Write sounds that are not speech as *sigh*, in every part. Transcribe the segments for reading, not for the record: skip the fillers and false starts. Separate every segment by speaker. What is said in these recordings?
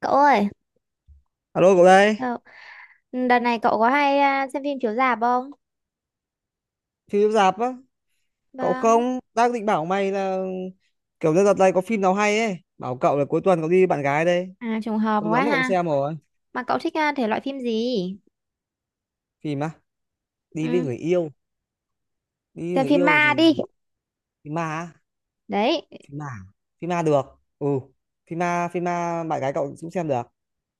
Speaker 1: Cậu ơi,
Speaker 2: Alo cậu đây,
Speaker 1: ờ, đợt này cậu có hay xem phim chiếu rạp không?
Speaker 2: phim chiếu rạp á, cậu
Speaker 1: Vâng.
Speaker 2: không? Đang định bảo mày là kiểu như đợt này có phim nào hay ấy, bảo cậu là cuối tuần cậu đi với bạn gái đây,
Speaker 1: À, trùng hợp
Speaker 2: lâu
Speaker 1: quá
Speaker 2: lắm rồi cậu
Speaker 1: ha.
Speaker 2: xem rồi.
Speaker 1: Mà cậu thích thể loại phim gì?
Speaker 2: Phim á, đi với
Speaker 1: Ừ,
Speaker 2: người yêu,
Speaker 1: xem phim ma đi.
Speaker 2: thì phim ma, á,
Speaker 1: Đấy,
Speaker 2: phim ma, phim ma được. Ừ, phim ma bạn gái cậu cũng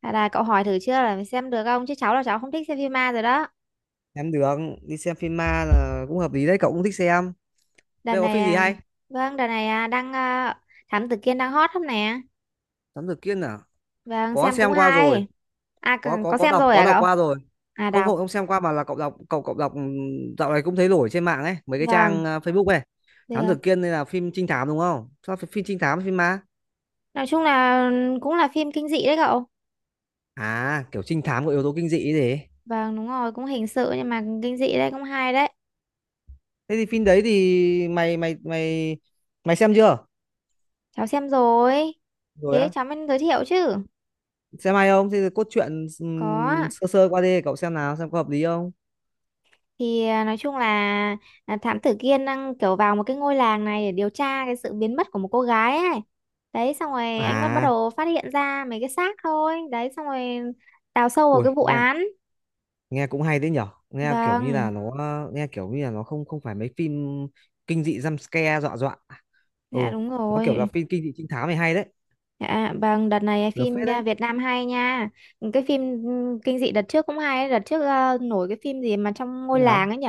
Speaker 1: là cậu hỏi thử chưa là phải xem được không? Chứ cháu là cháu không thích xem phim ma rồi đó.
Speaker 2: xem được, đi xem phim ma là cũng hợp lý đấy, cậu cũng thích xem.
Speaker 1: Đợt
Speaker 2: Bây giờ có
Speaker 1: này,
Speaker 2: phim gì hay?
Speaker 1: vâng, đợt này à, đang à, Thám Tử Kiên đang hot lắm nè.
Speaker 2: Thám tử Kiên à?
Speaker 1: Vâng,
Speaker 2: Có
Speaker 1: xem cũng
Speaker 2: xem qua
Speaker 1: hay.
Speaker 2: rồi,
Speaker 1: À,
Speaker 2: có có
Speaker 1: có
Speaker 2: có
Speaker 1: xem
Speaker 2: đọc
Speaker 1: rồi
Speaker 2: có
Speaker 1: à
Speaker 2: đọc
Speaker 1: cậu?
Speaker 2: qua rồi.
Speaker 1: À,
Speaker 2: Không
Speaker 1: đọc.
Speaker 2: không không xem qua mà là cậu đọc cậu cậu đọc. Dạo này cũng thấy nổi trên mạng ấy mấy cái
Speaker 1: Vâng,
Speaker 2: trang à, Facebook này. Thám
Speaker 1: được.
Speaker 2: Tử Kiên đây là phim trinh thám đúng không, sao phải phim trinh thám, phim ma?
Speaker 1: Nói chung là cũng là phim kinh dị đấy cậu.
Speaker 2: À kiểu trinh thám có yếu tố kinh dị ấy gì.
Speaker 1: Vâng, đúng rồi, cũng hình sự nhưng mà kinh dị đấy, cũng hay đấy.
Speaker 2: Thế thì phim đấy thì mày mày xem chưa?
Speaker 1: Cháu xem rồi.
Speaker 2: Rồi
Speaker 1: Thế
Speaker 2: á?
Speaker 1: cháu mới giới thiệu chứ.
Speaker 2: Xem hay không? Thế thì cốt truyện
Speaker 1: Có ạ.
Speaker 2: sơ sơ qua đi cậu xem nào, xem có hợp lý không.
Speaker 1: Thì nói chung là thám tử Kiên đang kiểu vào một cái ngôi làng này để điều tra cái sự biến mất của một cô gái ấy. Đấy xong rồi anh bắt bắt
Speaker 2: À
Speaker 1: đầu phát hiện ra mấy cái xác thôi. Đấy xong rồi đào sâu vào
Speaker 2: ui
Speaker 1: cái vụ
Speaker 2: nghe,
Speaker 1: án.
Speaker 2: nghe cũng hay đấy nhở, nghe kiểu như
Speaker 1: Vâng,
Speaker 2: là nó kiểu như là nó không, không phải mấy phim kinh dị jump scare dọa dọa. Ừ,
Speaker 1: dạ đúng
Speaker 2: nó kiểu là
Speaker 1: rồi.
Speaker 2: phim kinh dị trinh thám này, hay đấy,
Speaker 1: Dạ, vâng, đợt này
Speaker 2: được phết
Speaker 1: phim
Speaker 2: đấy.
Speaker 1: Việt Nam hay nha. Cái phim kinh dị đợt trước cũng hay ấy. Đợt trước nổi cái phim gì mà trong
Speaker 2: Thế
Speaker 1: ngôi
Speaker 2: nào?
Speaker 1: làng ấy nhỉ?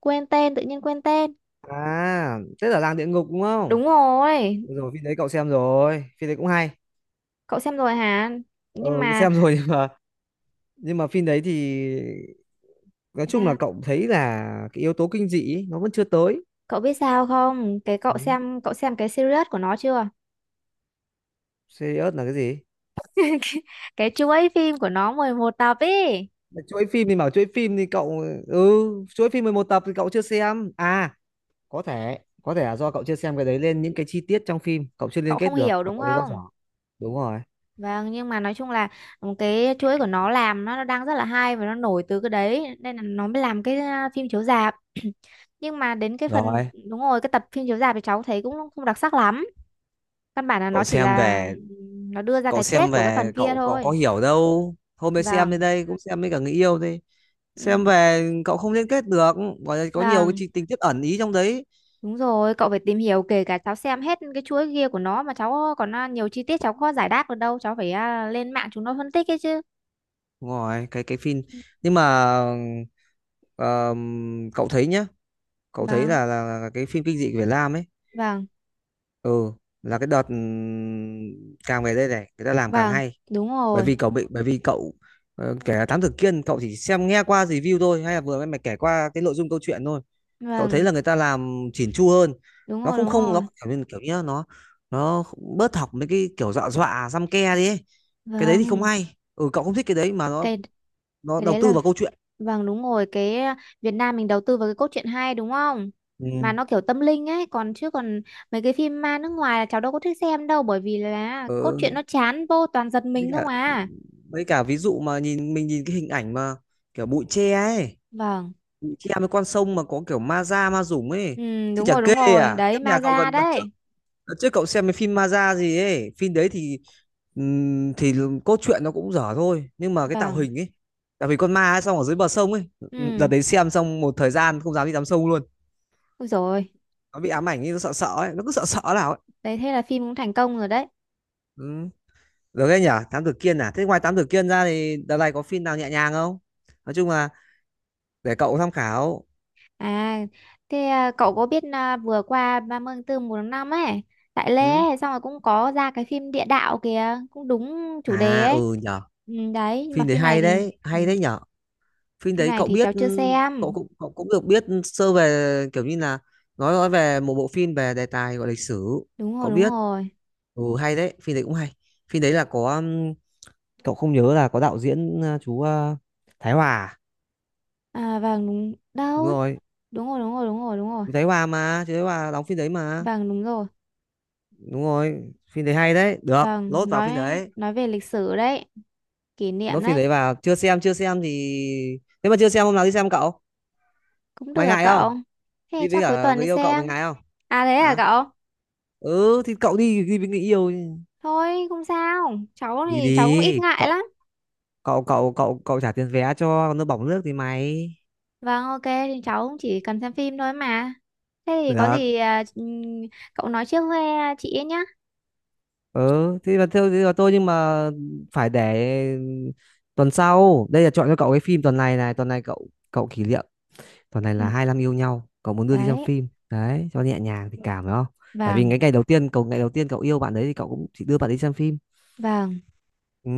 Speaker 1: Quên tên, tự nhiên quên tên.
Speaker 2: À thế là Làng Địa Ngục đúng không?
Speaker 1: Đúng rồi.
Speaker 2: Được rồi, phim đấy cậu xem rồi, phim đấy cũng hay.
Speaker 1: Cậu xem rồi hả?
Speaker 2: Ừ,
Speaker 1: Nhưng mà
Speaker 2: xem rồi *laughs* nhưng mà phim đấy thì nói chung
Speaker 1: à,
Speaker 2: là cậu thấy là cái yếu tố kinh dị ấy, nó vẫn chưa tới.
Speaker 1: cậu biết sao không? Cái cậu
Speaker 2: Ừ.
Speaker 1: xem cái series của nó chưa?
Speaker 2: Serious là cái gì?
Speaker 1: *laughs* Cái chuỗi phim của nó 11 tập ấy.
Speaker 2: Mà chuỗi phim thì bảo chuỗi phim thì cậu, ừ, chuỗi phim 11 tập thì cậu chưa xem à? Có thể, là do cậu chưa xem cái đấy lên những cái chi tiết trong phim cậu chưa liên
Speaker 1: Cậu
Speaker 2: kết
Speaker 1: không
Speaker 2: được
Speaker 1: hiểu
Speaker 2: và
Speaker 1: đúng
Speaker 2: cậu thấy nó dở.
Speaker 1: không?
Speaker 2: Đúng rồi.
Speaker 1: Vâng, nhưng mà nói chung là một cái chuỗi của nó làm nó đang rất là hay và nó nổi từ cái đấy nên là nó mới làm cái phim chiếu rạp. *clears throat* Nhưng mà đến cái phần
Speaker 2: Rồi,
Speaker 1: đúng rồi, cái tập phim chiếu rạp thì cháu thấy cũng không đặc sắc lắm. Căn bản là
Speaker 2: cậu
Speaker 1: nó chỉ
Speaker 2: xem
Speaker 1: là
Speaker 2: về,
Speaker 1: nó đưa ra cái kết của cái phần kia
Speaker 2: cậu cậu có
Speaker 1: thôi.
Speaker 2: hiểu đâu. Hôm mới xem đến
Speaker 1: Vâng.
Speaker 2: đây cũng xem với cả người yêu đi. Xem
Speaker 1: Ừ.
Speaker 2: về cậu không liên kết được, gọi là có nhiều cái
Speaker 1: Vâng.
Speaker 2: tình tiết ẩn ý trong đấy.
Speaker 1: Đúng rồi, cậu phải tìm hiểu kể cả cháu xem hết cái chuỗi kia của nó mà cháu còn nhiều chi tiết cháu khó giải đáp được đâu, cháu phải lên mạng chúng nó phân tích ấy chứ.
Speaker 2: Đúng rồi, cái phim. Nhưng mà cậu thấy nhá, cậu thấy
Speaker 1: Vâng,
Speaker 2: là, là cái phim kinh dị của Việt Nam ấy,
Speaker 1: vâng,
Speaker 2: ừ, là cái đợt càng về đây này, người ta làm càng
Speaker 1: vâng,
Speaker 2: hay.
Speaker 1: đúng
Speaker 2: Bởi
Speaker 1: rồi,
Speaker 2: vì cậu bị, bởi vì cậu kể Thám Tử Kiên cậu chỉ xem nghe qua review thôi hay là vừa em mày kể qua cái nội dung câu chuyện thôi, cậu thấy
Speaker 1: vâng,
Speaker 2: là người ta làm chỉn chu hơn. Nó không,
Speaker 1: đúng
Speaker 2: không nó
Speaker 1: rồi,
Speaker 2: kiểu như, nó nó bớt học mấy cái kiểu dọa dọa xăm ke đi ấy. Cái đấy thì không
Speaker 1: vâng,
Speaker 2: hay, ừ, cậu không thích cái đấy, mà nó
Speaker 1: cái
Speaker 2: nó
Speaker 1: cái
Speaker 2: đầu
Speaker 1: đấy
Speaker 2: tư
Speaker 1: là,
Speaker 2: vào câu chuyện.
Speaker 1: vâng đúng rồi, cái Việt Nam mình đầu tư vào cái cốt truyện hay đúng không?
Speaker 2: Ừ.
Speaker 1: Mà nó kiểu tâm linh ấy, còn chứ còn mấy cái phim ma nước ngoài là cháu đâu có thích xem đâu, bởi vì là cốt
Speaker 2: Ừ.
Speaker 1: truyện nó chán vô toàn giật
Speaker 2: Với
Speaker 1: mình
Speaker 2: cả,
Speaker 1: không à.
Speaker 2: ví dụ mà nhìn mình nhìn cái hình ảnh mà kiểu bụi tre ấy,
Speaker 1: Vâng.
Speaker 2: bụi tre với con sông mà có kiểu ma da ma dũng ấy,
Speaker 1: Ừ,
Speaker 2: thì
Speaker 1: đúng
Speaker 2: chả
Speaker 1: rồi, đúng
Speaker 2: kê
Speaker 1: rồi.
Speaker 2: à
Speaker 1: Đấy,
Speaker 2: kiếp
Speaker 1: ma
Speaker 2: nhà cậu
Speaker 1: da
Speaker 2: gần đợt trước.
Speaker 1: đấy.
Speaker 2: Đợt trước cậu xem cái phim ma da gì ấy, phim đấy thì cốt truyện nó cũng dở thôi, nhưng mà cái tạo
Speaker 1: Vâng.
Speaker 2: hình ấy, tạo hình con ma ấy, xong ở dưới bờ sông ấy, đợt
Speaker 1: Ừ,
Speaker 2: đấy xem xong một thời gian không dám đi tắm sông luôn.
Speaker 1: ôi rồi.
Speaker 2: Nó bị ám ảnh ấy, nó sợ sợ ấy, nó cứ sợ sợ nào ấy.
Speaker 1: Đấy, thế là phim cũng thành công rồi đấy.
Speaker 2: Ừ. Được đấy nhỉ, Thám Tử Kiên. À thế ngoài Thám Tử Kiên ra thì đợt này có phim nào nhẹ nhàng không, nói chung là để cậu tham khảo.
Speaker 1: À, thế cậu có biết vừa qua 30 tháng 4 1 tháng 5 ấy, tại Lê
Speaker 2: Ừ.
Speaker 1: ấy, xong rồi cũng có ra cái phim Địa đạo kìa, cũng đúng chủ đề
Speaker 2: À
Speaker 1: ấy.
Speaker 2: ừ nhở,
Speaker 1: Ừ, đấy, nhưng mà
Speaker 2: phim đấy
Speaker 1: phim này
Speaker 2: hay
Speaker 1: thì
Speaker 2: đấy,
Speaker 1: ừ,
Speaker 2: hay đấy nhở. Phim đấy cậu biết,
Speaker 1: cháu chưa
Speaker 2: ừ,
Speaker 1: xem.
Speaker 2: cậu cũng được biết sơ về kiểu như là nói, về một bộ phim về đề tài gọi lịch sử.
Speaker 1: Đúng rồi,
Speaker 2: Cậu
Speaker 1: đúng
Speaker 2: biết,
Speaker 1: rồi.
Speaker 2: ừ, hay đấy, phim đấy cũng hay. Phim đấy là có cậu không nhớ là có đạo diễn chú Thái Hòa à?
Speaker 1: À, vâng, đúng.
Speaker 2: Đúng
Speaker 1: Đâu?
Speaker 2: rồi.
Speaker 1: Đúng rồi, đúng rồi, đúng rồi, đúng rồi.
Speaker 2: Chú Thái Hòa mà, chú Thái Hòa đóng phim đấy mà,
Speaker 1: Vâng, đúng rồi.
Speaker 2: đúng rồi. Phim đấy hay đấy, được
Speaker 1: Vâng,
Speaker 2: lốt vào phim đấy.
Speaker 1: nói về lịch sử đấy, kỷ niệm
Speaker 2: Lốt phim
Speaker 1: đấy.
Speaker 2: đấy vào chưa xem, chưa xem thì nếu mà chưa xem hôm nào đi xem, cậu.
Speaker 1: Cũng được
Speaker 2: Mày
Speaker 1: à
Speaker 2: ngại không?
Speaker 1: cậu. Thế
Speaker 2: Đi với
Speaker 1: chắc cuối
Speaker 2: cả
Speaker 1: tuần
Speaker 2: người
Speaker 1: đi
Speaker 2: yêu cậu, mày
Speaker 1: xem.
Speaker 2: ngại không?
Speaker 1: À thế à
Speaker 2: Hả?
Speaker 1: cậu?
Speaker 2: Ừ thì cậu đi, đi với người yêu.
Speaker 1: Thôi không sao. Cháu
Speaker 2: Đi
Speaker 1: thì cháu cũng ít
Speaker 2: đi
Speaker 1: ngại
Speaker 2: cậu,
Speaker 1: lắm.
Speaker 2: cậu cậu cậu cậu trả tiền vé cho, còn nước bỏng nước thì mày.
Speaker 1: Vâng ok thì cháu cũng chỉ cần xem phim thôi mà. Thế thì có
Speaker 2: Được.
Speaker 1: gì cậu nói trước với chị ấy nhá.
Speaker 2: Ừ thế là theo, thế là tôi, nhưng mà phải để tuần sau đây là chọn cho cậu cái phim. Tuần này này, tuần này cậu, cậu kỷ niệm, tuần này
Speaker 1: Ừ,
Speaker 2: là 25 yêu nhau, cậu muốn đưa đi xem
Speaker 1: đấy.
Speaker 2: phim đấy cho nhẹ nhàng tình cảm, phải không? Tại vì
Speaker 1: Vâng,
Speaker 2: cái ngày đầu tiên cậu, ngày đầu tiên cậu yêu bạn đấy thì cậu cũng chỉ đưa bạn đi xem phim.
Speaker 1: vâng.
Speaker 2: Ừ.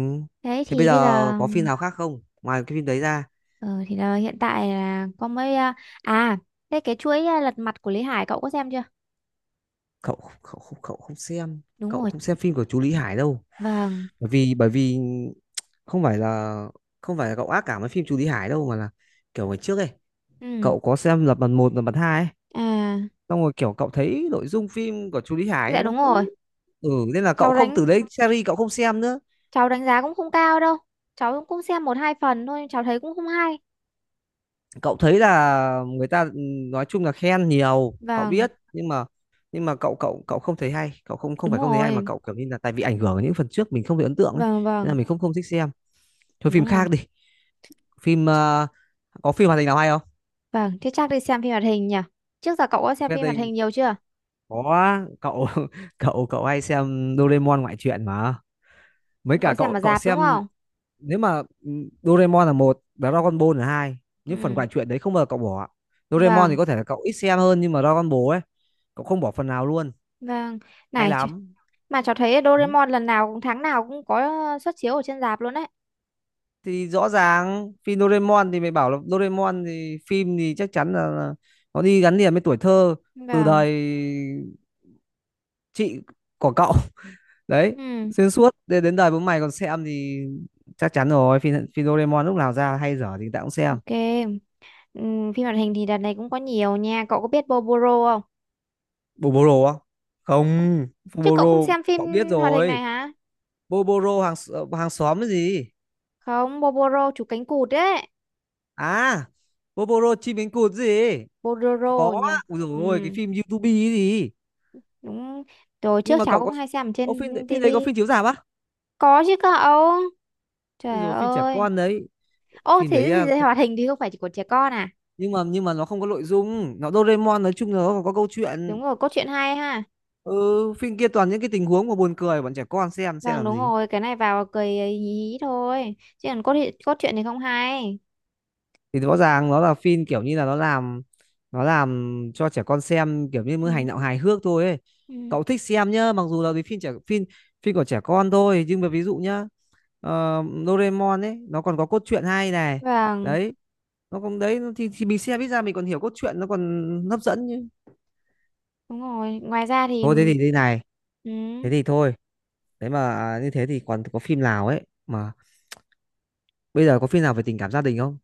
Speaker 1: Thế
Speaker 2: Thế bây
Speaker 1: thì bây
Speaker 2: giờ
Speaker 1: giờ
Speaker 2: có phim nào khác không, ngoài cái phim đấy ra?
Speaker 1: ờ, thì là hiện tại là có mấy à, thế cái chuỗi lật mặt của Lý Hải cậu có xem chưa?
Speaker 2: Cậu, cậu không xem,
Speaker 1: Đúng
Speaker 2: cậu
Speaker 1: rồi.
Speaker 2: không xem phim của chú Lý Hải đâu.
Speaker 1: Vâng.
Speaker 2: Bởi vì không phải là không phải là cậu ác cảm với phim chú Lý Hải đâu, mà là kiểu ngày trước ấy,
Speaker 1: Ừ.
Speaker 2: cậu có xem Lật Mặt một, Lật Mặt hai ấy,
Speaker 1: À,
Speaker 2: xong rồi kiểu cậu thấy nội dung phim của chú Lý Hải
Speaker 1: dạ
Speaker 2: nó
Speaker 1: đúng rồi.
Speaker 2: cứ, ừ, nên là cậu
Speaker 1: Cháu
Speaker 2: không,
Speaker 1: đánh
Speaker 2: từ đấy series cậu không xem nữa.
Speaker 1: cháu đánh giá cũng không cao đâu, cháu cũng xem một hai phần thôi cháu thấy cũng không hay.
Speaker 2: Cậu thấy là người ta, ừ, nói chung là khen nhiều cậu
Speaker 1: Vâng
Speaker 2: biết, nhưng mà cậu cậu cậu không thấy hay, cậu không, không
Speaker 1: đúng
Speaker 2: phải không thấy hay, mà
Speaker 1: rồi,
Speaker 2: cậu kiểu như là tại vì ảnh hưởng ở những phần trước mình không thấy ấn tượng ấy,
Speaker 1: vâng
Speaker 2: nên là
Speaker 1: vâng
Speaker 2: mình không, không thích xem. Thôi phim
Speaker 1: đúng rồi,
Speaker 2: khác đi, phim có phim hoạt hình nào hay không?
Speaker 1: vâng thế chắc đi xem phim hoạt hình nhỉ. Trước giờ cậu có xem
Speaker 2: Hoạt
Speaker 1: phim hoạt
Speaker 2: hình,
Speaker 1: hình nhiều chưa?
Speaker 2: có cậu *laughs* cậu cậu hay xem Doraemon ngoại truyện mà, mấy cả
Speaker 1: Cậu xem
Speaker 2: cậu
Speaker 1: ở
Speaker 2: cậu
Speaker 1: rạp đúng
Speaker 2: xem.
Speaker 1: không?
Speaker 2: Nếu mà ừ, Doraemon là một, Dragon Ball là hai, những phần
Speaker 1: Ừ,
Speaker 2: ngoại truyện đấy không bao giờ cậu bỏ. Doraemon thì
Speaker 1: vâng,
Speaker 2: có thể là cậu ít xem hơn, nhưng mà Dragon Ball ấy cậu không bỏ phần nào luôn,
Speaker 1: vâng,
Speaker 2: hay
Speaker 1: này ch-
Speaker 2: lắm.
Speaker 1: mà cháu thấy
Speaker 2: Ừ.
Speaker 1: Doraemon lần nào cũng tháng nào cũng có xuất chiếu ở trên rạp luôn đấy.
Speaker 2: Thì rõ ràng phim Doraemon thì mày bảo là Doraemon thì phim thì chắc chắn là nó đi gắn liền với tuổi thơ, từ
Speaker 1: Vâng,
Speaker 2: đời chị của cậu đấy,
Speaker 1: ừ,
Speaker 2: xuyên suốt đến đến đời bố mày còn xem, thì chắc chắn rồi, phim phim Doraemon lúc nào ra hay dở thì tao cũng xem.
Speaker 1: ok, ừ, phim hoạt hình thì đợt này cũng có nhiều nha. Cậu có biết Boboro không?
Speaker 2: Boboro á? Không.
Speaker 1: Chứ cậu không
Speaker 2: Boboro
Speaker 1: xem phim
Speaker 2: cậu biết
Speaker 1: hoạt hình
Speaker 2: rồi.
Speaker 1: này hả?
Speaker 2: Boboro hàng xóm cái gì?
Speaker 1: Không, Boboro chú cánh cụt đấy.
Speaker 2: À, Boboro chim cánh cụt gì.
Speaker 1: Bolero
Speaker 2: Có
Speaker 1: nhỉ.
Speaker 2: á. Ui dồi
Speaker 1: Ừ,
Speaker 2: ôi, cái phim YouTube ấy gì.
Speaker 1: đúng rồi,
Speaker 2: Nhưng
Speaker 1: trước
Speaker 2: mà
Speaker 1: cháu
Speaker 2: cậu
Speaker 1: cũng
Speaker 2: có,
Speaker 1: hay xem ở
Speaker 2: ô,
Speaker 1: trên
Speaker 2: phim đấy có
Speaker 1: tivi.
Speaker 2: phim chiếu rạp á?
Speaker 1: Có chứ cậu,
Speaker 2: Ui
Speaker 1: trời
Speaker 2: dồi phim trẻ
Speaker 1: ơi.
Speaker 2: con đấy.
Speaker 1: Ô
Speaker 2: Phim
Speaker 1: thế
Speaker 2: đấy à,
Speaker 1: thì hoạt hình thì không phải chỉ của trẻ con à.
Speaker 2: nhưng mà nó không có nội dung, nó Doraemon nói chung là nó có câu chuyện.
Speaker 1: Đúng rồi, cốt truyện hay ha.
Speaker 2: Ừ, phim kia toàn những cái tình huống mà buồn cười, bọn trẻ con xem
Speaker 1: Vâng
Speaker 2: làm
Speaker 1: đúng
Speaker 2: gì.
Speaker 1: rồi, cái này vào cười hí hí thôi chứ còn cốt truyện thì không hay.
Speaker 2: Thì rõ ràng nó là phim kiểu như là nó làm, cho trẻ con xem kiểu như mới
Speaker 1: Ừ,
Speaker 2: hành động hài hước thôi ấy.
Speaker 1: ừ,
Speaker 2: Cậu thích xem nhá, mặc dù là cái phim trẻ, phim phim của trẻ con thôi, nhưng mà ví dụ nhá, ờ, Doraemon ấy nó còn có cốt truyện hay này,
Speaker 1: vâng
Speaker 2: đấy. Nó cũng đấy, nó thì mình xem ít ra mình còn hiểu cốt truyện, nó còn hấp dẫn chứ.
Speaker 1: đúng rồi, ngoài ra thì
Speaker 2: Thôi thế thì thế này,
Speaker 1: ừ,
Speaker 2: thế thì thôi. Thế mà à, như thế thì còn có phim nào ấy, mà bây giờ có phim nào về tình cảm gia đình không?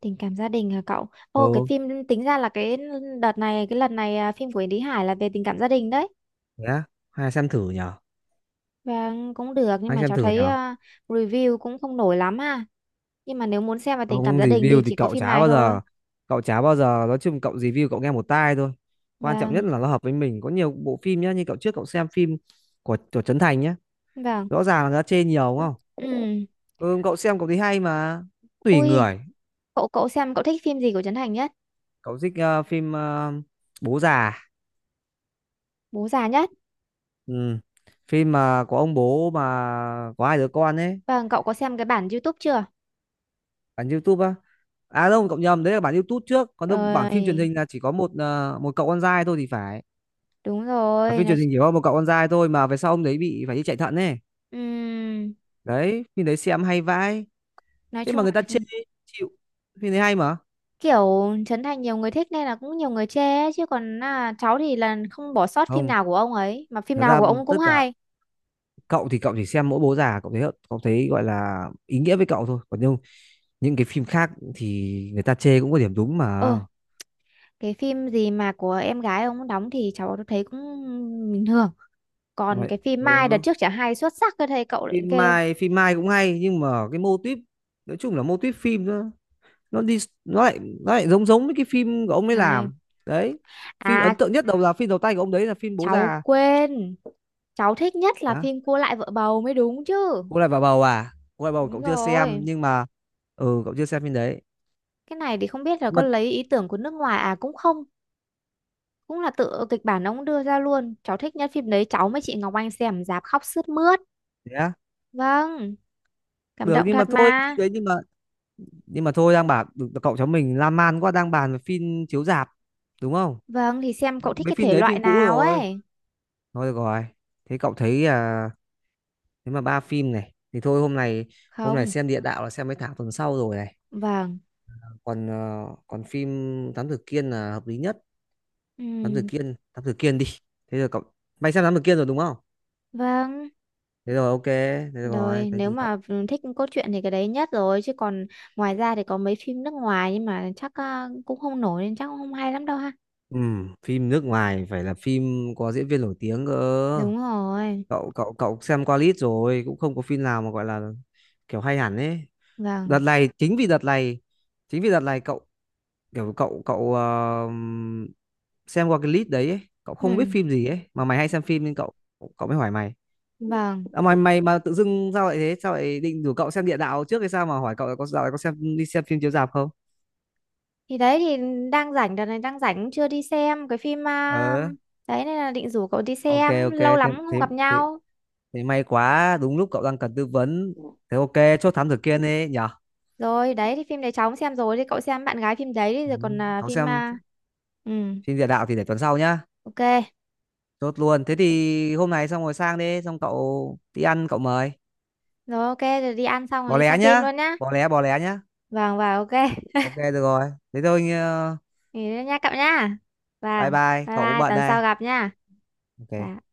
Speaker 1: tình cảm gia đình hả cậu? Ô cái
Speaker 2: Ừ.
Speaker 1: phim, tính ra là cái đợt này cái lần này phim của Yến Lý Hải là về tình cảm gia đình đấy.
Speaker 2: Thế á? Hay xem thử nhở,
Speaker 1: Vâng, cũng được nhưng
Speaker 2: hay
Speaker 1: mà
Speaker 2: xem
Speaker 1: cháu
Speaker 2: thử
Speaker 1: thấy
Speaker 2: nhở
Speaker 1: review cũng không nổi lắm ha. Nhưng mà nếu muốn xem về tình cảm
Speaker 2: ông
Speaker 1: gia đình thì
Speaker 2: review thì
Speaker 1: chỉ có
Speaker 2: cậu
Speaker 1: phim
Speaker 2: chả
Speaker 1: này
Speaker 2: bao
Speaker 1: thôi.
Speaker 2: giờ, nói chung cậu review cậu nghe một tai thôi, quan trọng nhất
Speaker 1: Vâng,
Speaker 2: là nó hợp với mình. Có nhiều bộ phim nhá, như cậu trước cậu xem phim của Trấn Thành nhá,
Speaker 1: vâng.
Speaker 2: rõ ràng là nó chê nhiều đúng không?
Speaker 1: Ừ.
Speaker 2: Ừ, cậu xem cậu thấy hay mà, tùy
Speaker 1: Ui,
Speaker 2: người.
Speaker 1: cậu cậu xem cậu thích phim gì của Trấn Thành nhất?
Speaker 2: Cậu thích ờ, phim ờ, Bố Già.
Speaker 1: Bố già nhất.
Speaker 2: Ừ. Phim mà có ông bố mà có hai đứa con ấy.
Speaker 1: Vâng, cậu có xem cái bản YouTube chưa?
Speaker 2: Bản YouTube á? À đâu cậu nhầm, đấy là bản YouTube trước, còn đâu bản phim truyền
Speaker 1: Ơi,
Speaker 2: hình là chỉ có một ờ, một cậu con trai thôi thì phải.
Speaker 1: đúng
Speaker 2: Và
Speaker 1: rồi,
Speaker 2: phim truyền hình chỉ có một cậu con trai thôi, mà về sau ông đấy bị phải đi chạy thận ấy.
Speaker 1: ừm,
Speaker 2: Đấy, phim đấy xem hay vãi.
Speaker 1: nói
Speaker 2: Thế
Speaker 1: chung
Speaker 2: mà người ta
Speaker 1: là
Speaker 2: chê, chịu. Phim đấy hay mà.
Speaker 1: kiểu Trấn Thành nhiều người thích nên là cũng nhiều người chê ấy. Chứ còn cháu thì là không bỏ sót phim
Speaker 2: Không,
Speaker 1: nào của ông ấy, mà phim
Speaker 2: thật
Speaker 1: nào
Speaker 2: ra
Speaker 1: của ông cũng
Speaker 2: tất cả,
Speaker 1: hay.
Speaker 2: cậu thì cậu chỉ xem mỗi Bố Già, cậu thấy gọi là ý nghĩa với cậu thôi. Còn nhưng những cái phim khác thì người ta chê cũng có điểm đúng mà.
Speaker 1: Ờ, cái phim gì mà của em gái ông đóng thì cháu thấy cũng bình thường, còn
Speaker 2: Đấy.
Speaker 1: cái phim Mai đợt
Speaker 2: Ừ.
Speaker 1: trước chả hay xuất sắc cơ thầy cậu lại kêu
Speaker 2: Phim Mai cũng hay nhưng mà cái mô típ, nói chung là mô típ phim nó đi, nó lại giống, giống với cái phim của ông ấy
Speaker 1: hay
Speaker 2: làm. Đấy, phim
Speaker 1: à.
Speaker 2: ấn tượng nhất đầu là phim đầu tay của ông đấy là phim Bố
Speaker 1: Cháu
Speaker 2: Già.
Speaker 1: quên, cháu thích nhất là
Speaker 2: Đó,
Speaker 1: phim Cua lại vợ bầu mới đúng chứ.
Speaker 2: cô lại vào bầu, à, cô lại bầu
Speaker 1: Đúng
Speaker 2: cậu chưa xem,
Speaker 1: rồi,
Speaker 2: nhưng mà ừ cậu chưa xem phim đấy.
Speaker 1: cái này thì không biết là
Speaker 2: Nhưng
Speaker 1: có
Speaker 2: mà
Speaker 1: lấy ý tưởng của nước ngoài à cũng không, cũng là tự kịch bản ông đưa ra luôn. Cháu thích nhất phim đấy, cháu với chị Ngọc Anh xem rạp khóc sướt mướt.
Speaker 2: thế á?
Speaker 1: Vâng, cảm
Speaker 2: Được,
Speaker 1: động
Speaker 2: nhưng mà
Speaker 1: thật
Speaker 2: thôi phim
Speaker 1: mà.
Speaker 2: đấy, nhưng mà thôi cậu cháu mình lan man quá, đang bàn về phim chiếu rạp đúng không.
Speaker 1: Vâng thì xem cậu thích
Speaker 2: Mấy
Speaker 1: cái
Speaker 2: phim
Speaker 1: thể
Speaker 2: đấy
Speaker 1: loại
Speaker 2: phim cũ
Speaker 1: nào
Speaker 2: rồi,
Speaker 1: ấy.
Speaker 2: thôi được rồi, thế cậu thấy à, thế mà ba phim này thì thôi. Hôm nay,
Speaker 1: Không.
Speaker 2: xem địa Đạo là xem mấy tháng, tuần sau rồi này.
Speaker 1: Vâng.
Speaker 2: Còn ờ, còn phim Thám Tử Kiên là hợp lý nhất. Thám Tử
Speaker 1: Ừ.
Speaker 2: Kiên, Thám Tử Kiên đi. Thế rồi cậu, mày xem Thám Tử Kiên rồi đúng không?
Speaker 1: Vâng,
Speaker 2: Thế rồi ok, thế rồi
Speaker 1: rồi
Speaker 2: thế
Speaker 1: nếu
Speaker 2: thì cậu.
Speaker 1: mà thích cốt truyện thì cái đấy nhất rồi chứ còn ngoài ra thì có mấy phim nước ngoài nhưng mà chắc cũng không nổi nên chắc cũng không hay lắm đâu ha.
Speaker 2: Ừ, phim nước ngoài phải là phim có diễn viên nổi tiếng cơ.
Speaker 1: Đúng rồi.
Speaker 2: Cậu cậu cậu xem qua list rồi, cũng không có phim nào mà gọi là kiểu hay hẳn ấy. Đợt
Speaker 1: Vâng.
Speaker 2: này, chính vì đợt này cậu kiểu cậu cậu ờ, xem qua cái list đấy ấy, cậu không biết
Speaker 1: Ừ,
Speaker 2: phim gì ấy, mà mày hay xem phim nên cậu cậu mới hỏi mày.
Speaker 1: vâng.
Speaker 2: À, mày mày mà tự dưng sao lại thế? Sao lại định rủ cậu xem Địa Đạo trước hay sao mà hỏi cậu là có dạo này có xem đi xem phim chiếu rạp không?
Speaker 1: Thì đấy thì đang rảnh, đợt này đang rảnh cũng chưa đi xem cái phim
Speaker 2: Ờ,
Speaker 1: đấy nên là định rủ cậu đi
Speaker 2: ok
Speaker 1: xem,
Speaker 2: ok.
Speaker 1: lâu
Speaker 2: thế
Speaker 1: lắm không
Speaker 2: thế
Speaker 1: gặp
Speaker 2: thế
Speaker 1: nhau.
Speaker 2: thì may quá, đúng lúc cậu đang cần tư vấn. Thế ok, chốt Thám Tử Kiên đi nhở.
Speaker 1: Rồi, đấy thì phim đấy cháu cũng xem rồi thì cậu xem bạn gái phim đấy đi rồi còn
Speaker 2: Ừ. Cậu xem
Speaker 1: ừ,
Speaker 2: phim Địa Đạo thì để tuần sau nhá.
Speaker 1: ok.
Speaker 2: Chốt luôn. Thế thì hôm nay xong rồi sang đi, xong cậu đi ăn cậu mời.
Speaker 1: Rồi ok rồi đi ăn xong rồi
Speaker 2: Bỏ
Speaker 1: đi
Speaker 2: lé
Speaker 1: xem phim
Speaker 2: nhá,
Speaker 1: luôn nhá.
Speaker 2: Bỏ lé nhá.
Speaker 1: Vâng và ok.
Speaker 2: Ok được rồi. Thế thôi ờ,
Speaker 1: Nghỉ nữa nha cậu nha.
Speaker 2: bye
Speaker 1: Vâng,
Speaker 2: bye,
Speaker 1: bye
Speaker 2: cậu cũng
Speaker 1: bye,
Speaker 2: bận
Speaker 1: tuần
Speaker 2: đây.
Speaker 1: sau gặp nha.
Speaker 2: Ok.
Speaker 1: Dạ.